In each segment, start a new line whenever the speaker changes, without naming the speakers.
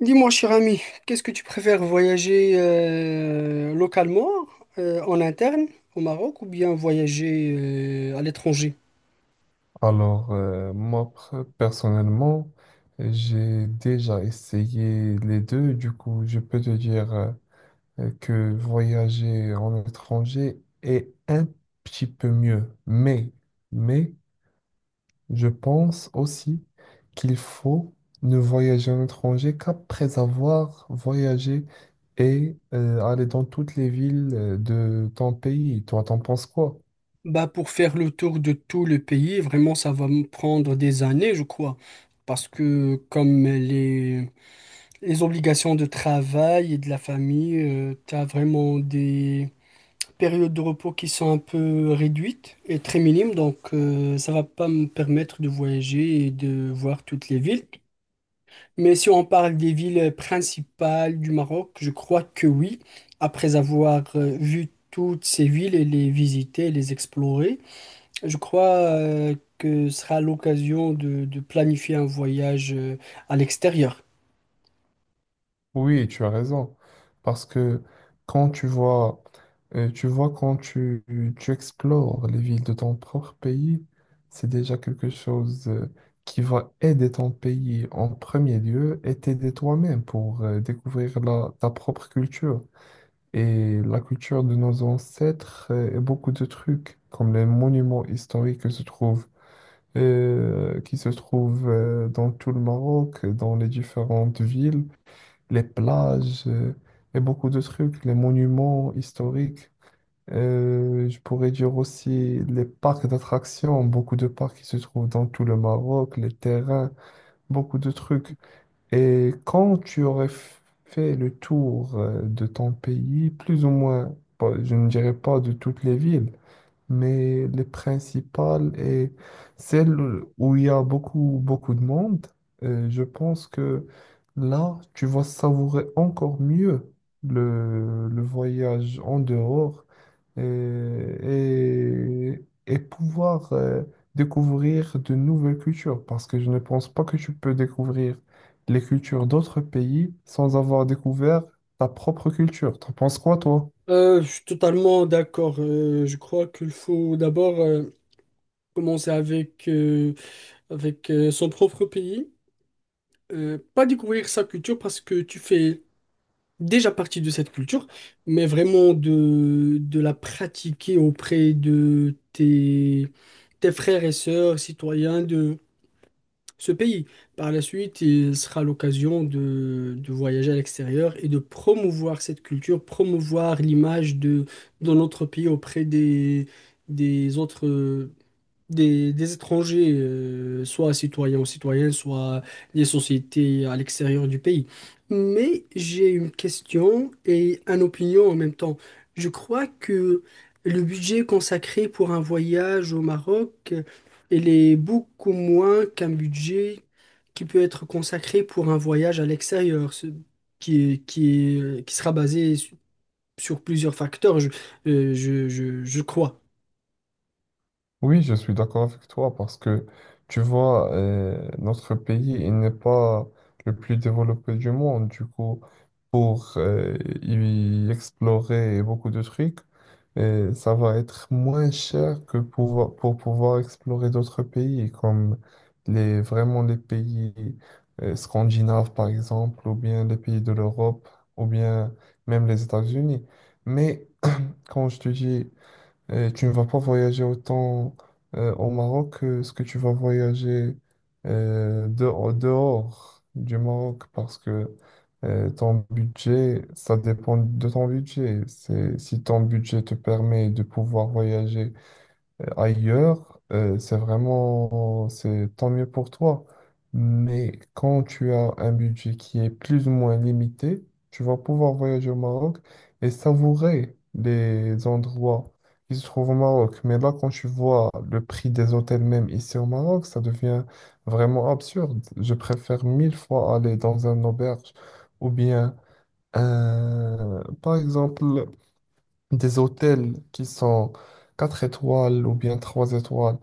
Dis-moi, cher ami, qu'est-ce que tu préfères, voyager localement, en interne, au Maroc, ou bien voyager à l'étranger?
Alors, moi, personnellement, j'ai déjà essayé les deux. Du coup, je peux te dire que voyager en étranger est un petit peu mieux. Mais, je pense aussi qu'il faut ne voyager à l'étranger qu'après avoir voyagé et aller dans toutes les villes de ton pays. Toi, t'en penses quoi?
Bah, pour faire le tour de tout le pays, vraiment, ça va me prendre des années, je crois. Parce que comme les obligations de travail et de la famille, tu as vraiment des périodes de repos qui sont un peu réduites et très minimes. Donc, ça va pas me permettre de voyager et de voir toutes les villes. Mais si on parle des villes principales du Maroc, je crois que oui. Après avoir vu toutes ces villes et les visiter, les explorer, je crois, que ce sera l'occasion de planifier un voyage à l'extérieur.
Oui, tu as raison. Parce que quand tu vois, tu vois quand tu explores les villes de ton propre pays, c'est déjà quelque chose qui va aider ton pays en premier lieu et t'aider toi-même pour découvrir ta propre culture. Et la culture de nos ancêtres, et beaucoup de trucs, comme les monuments historiques qui se trouvent dans tout le Maroc, dans les différentes villes, les plages, et beaucoup de trucs, les monuments historiques. Je pourrais dire aussi les parcs d'attractions, beaucoup de parcs qui se trouvent dans tout le Maroc, les terrains, beaucoup de trucs. Et quand tu aurais fait le tour de ton pays, plus ou moins, je ne dirais pas de toutes les villes, mais les principales et celles où il y a beaucoup, beaucoup de monde, je pense que là, tu vas savourer encore mieux le voyage en dehors et pouvoir découvrir de nouvelles cultures, parce que je ne pense pas que tu peux découvrir les cultures d'autres pays sans avoir découvert ta propre culture. T'en penses quoi, toi?
Je suis totalement d'accord. Je crois qu'il faut d'abord commencer avec son propre pays. Pas découvrir sa culture parce que tu fais déjà partie de cette culture, mais vraiment de la pratiquer auprès de tes frères et sœurs citoyens de ce pays. Par la suite, il sera l'occasion de voyager à l'extérieur et de promouvoir cette culture, promouvoir l'image de notre pays auprès des autres des étrangers, soit citoyens ou citoyennes, soit des sociétés à l'extérieur du pays. Mais j'ai une question et une opinion en même temps. Je crois que le budget consacré pour un voyage au Maroc, il est beaucoup moins qu'un budget qui peut être consacré pour un voyage à l'extérieur, qui sera basé sur plusieurs facteurs, je crois.
Oui, je suis d'accord avec toi parce que tu vois, notre pays, il n'est pas le plus développé du monde. Du coup, pour y explorer beaucoup de trucs, ça va être moins cher que pour pouvoir explorer d'autres pays, comme vraiment les pays scandinaves, par exemple, ou bien les pays de l'Europe, ou bien même les États-Unis. Mais quand je te dis et tu ne vas pas voyager autant au Maroc que ce que tu vas voyager au dehors du Maroc parce que ton budget, ça dépend de ton budget. Si ton budget te permet de pouvoir voyager ailleurs, c'est tant mieux pour toi. Mais quand tu as un budget qui est plus ou moins limité, tu vas pouvoir voyager au Maroc et savourer les endroits qui se trouvent au Maroc. Mais là, quand tu vois le prix des hôtels même ici au Maroc, ça devient vraiment absurde. Je préfère mille fois aller dans un auberge ou bien, par exemple, des hôtels qui sont 4 étoiles ou bien 3 étoiles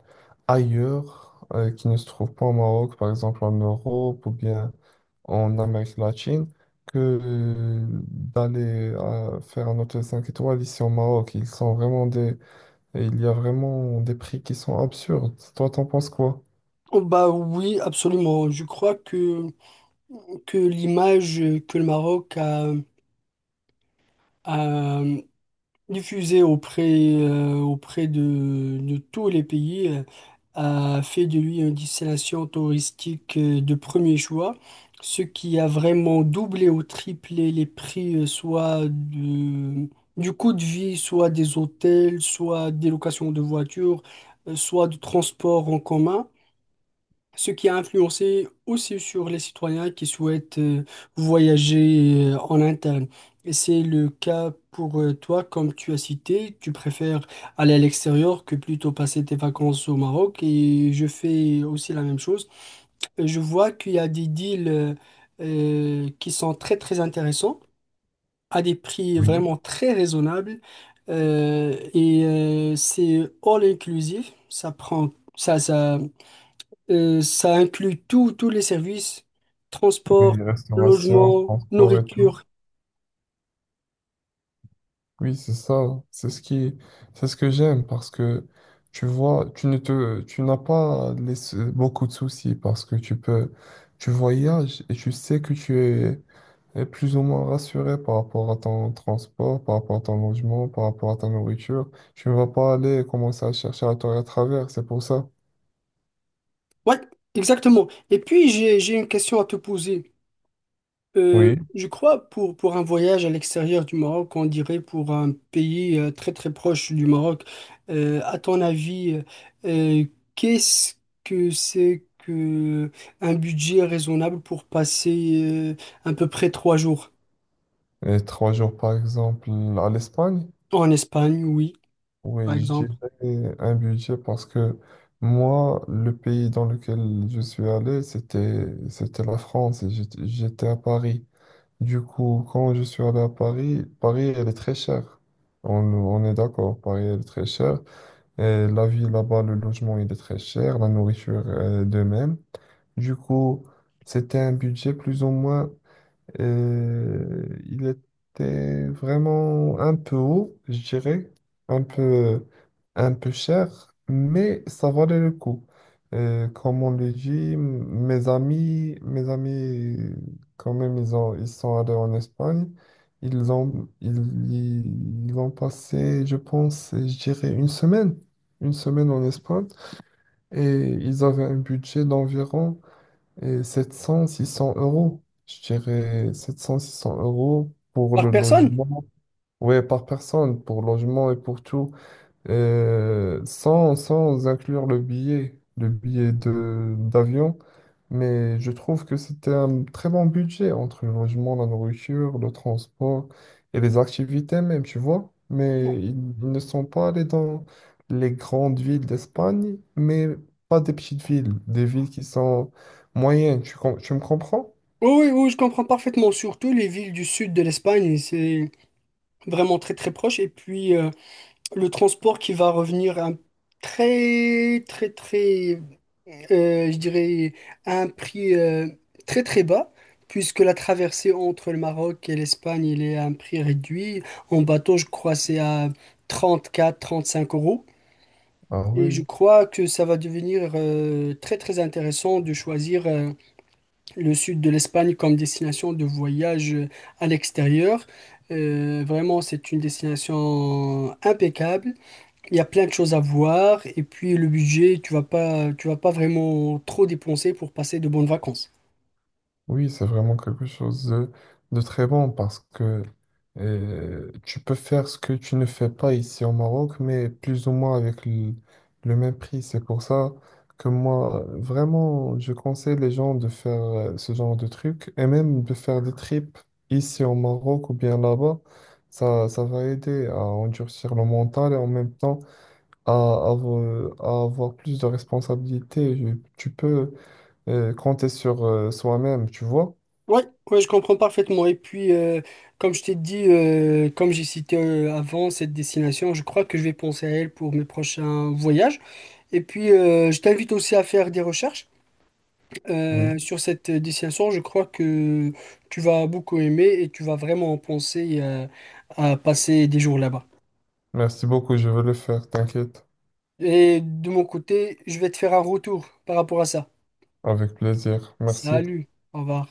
ailleurs, qui ne se trouvent pas au Maroc, par exemple en Europe ou bien en Amérique latine, que d'aller faire un hôtel 5 étoiles ici au Maroc. Ils sont vraiment des... Et il y a vraiment des prix qui sont absurdes. Toi, t'en penses quoi?
Oh bah oui, absolument. Je crois que l'image que le Maroc a, diffusée auprès de tous les pays, a fait de lui une destination touristique, de premier choix, ce qui a vraiment doublé ou triplé les prix, soit du coût de vie, soit des hôtels, soit des locations de voitures, soit du transport en commun. Ce qui a influencé aussi sur les citoyens qui souhaitent voyager en interne. Et c'est le cas pour toi, comme tu as cité, tu préfères aller à l'extérieur que plutôt passer tes vacances au Maroc. Et je fais aussi la même chose. Et je vois qu'il y a des deals qui sont très très intéressants, à des prix
Oui.
vraiment très raisonnables. Et c'est all inclusive. Ça prend ça. Ça inclut tous les services, transport,
Oui, restauration,
logement,
transport et tout.
nourriture.
Oui, c'est ça. C'est ce qui, c'est ce que j'aime parce que tu vois, tu ne te, tu n'as pas les beaucoup de soucis parce que tu peux, tu voyages et tu sais que tu es plus ou moins rassuré par rapport à ton transport, par rapport à ton logement, par rapport à ta nourriture. Tu ne vas pas aller commencer à chercher à toi à travers, c'est pour ça.
Ouais, exactement. Et puis, j'ai une question à te poser.
Oui.
Je crois pour un voyage à l'extérieur du Maroc, on dirait pour un pays, très très proche du Maroc, à ton avis, euh, qu'est-ce que c'est que un budget raisonnable pour passer à peu près trois jours
Et trois jours, par exemple, à l'Espagne.
en Espagne, oui, par
Oui, je
exemple,
dirais un budget parce que moi, le pays dans lequel je suis allé, c'était la France et j'étais à Paris. Du coup, quand je suis allé à Paris, Paris, elle est très chère. On est d'accord, Paris, elle est très chère. Et la vie là-bas, le logement, il est très cher, la nourriture, de même. Du coup, c'était un budget plus ou moins. Il était vraiment un peu haut, je dirais, un peu, un peu cher, mais ça valait le coup. Comme on le dit, mes amis, quand même, ils sont allés en Espagne. Ils ont passé, je pense, je dirais une semaine en Espagne, et ils avaient un budget d'environ et 700-600 euros, je dirais 700-600 euros pour
par
le
personne?
logement. Ouais, par personne, pour logement et pour tout. Sans inclure le billet de d'avion, mais je trouve que c'était un très bon budget entre le logement, la nourriture, le transport et les activités même, tu vois. Mais ils ne sont pas allés dans les grandes villes d'Espagne, mais pas des petites villes, des villes qui sont moyennes, tu me comprends?
Oui, oui, oui, je comprends parfaitement. Surtout les villes du sud de l'Espagne, c'est vraiment très très proche. Et puis le transport qui va revenir à un très très très, je dirais, à un prix, très très bas, puisque la traversée entre le Maroc et l'Espagne, il est à un prix réduit. En bateau, je crois, c'est à 34, trente cinq euros.
Ah
Et je
oui.
crois que ça va devenir très très intéressant de choisir, le sud de l'Espagne comme destination de voyage à l'extérieur. Vraiment, c'est une destination impeccable. Il y a plein de choses à voir, et puis le budget, tu vas pas vraiment trop dépenser pour passer de bonnes vacances.
Oui, c'est vraiment quelque chose de très bon parce que tu peux faire ce que tu ne fais pas ici au Maroc, mais plus ou moins avec le même prix. C'est pour ça que moi, vraiment, je conseille les gens de faire ce genre de truc et même de faire des trips ici au Maroc ou bien là-bas. Ça va aider à endurcir le mental et en même temps à avoir plus de responsabilités. Tu peux compter sur soi-même, tu vois.
Ouais, ouais, je comprends parfaitement. Et puis, comme je t'ai dit, comme j'ai cité avant cette destination, je crois que je vais penser à elle pour mes prochains voyages. Et puis, je t'invite aussi à faire des recherches.
Oui,
Sur cette destination, je crois que tu vas beaucoup aimer et tu vas vraiment penser à passer des jours là-bas.
merci beaucoup, je vais le faire, t'inquiète.
Et de mon côté, je vais te faire un retour par rapport à ça.
Avec plaisir, merci.
Salut, au revoir.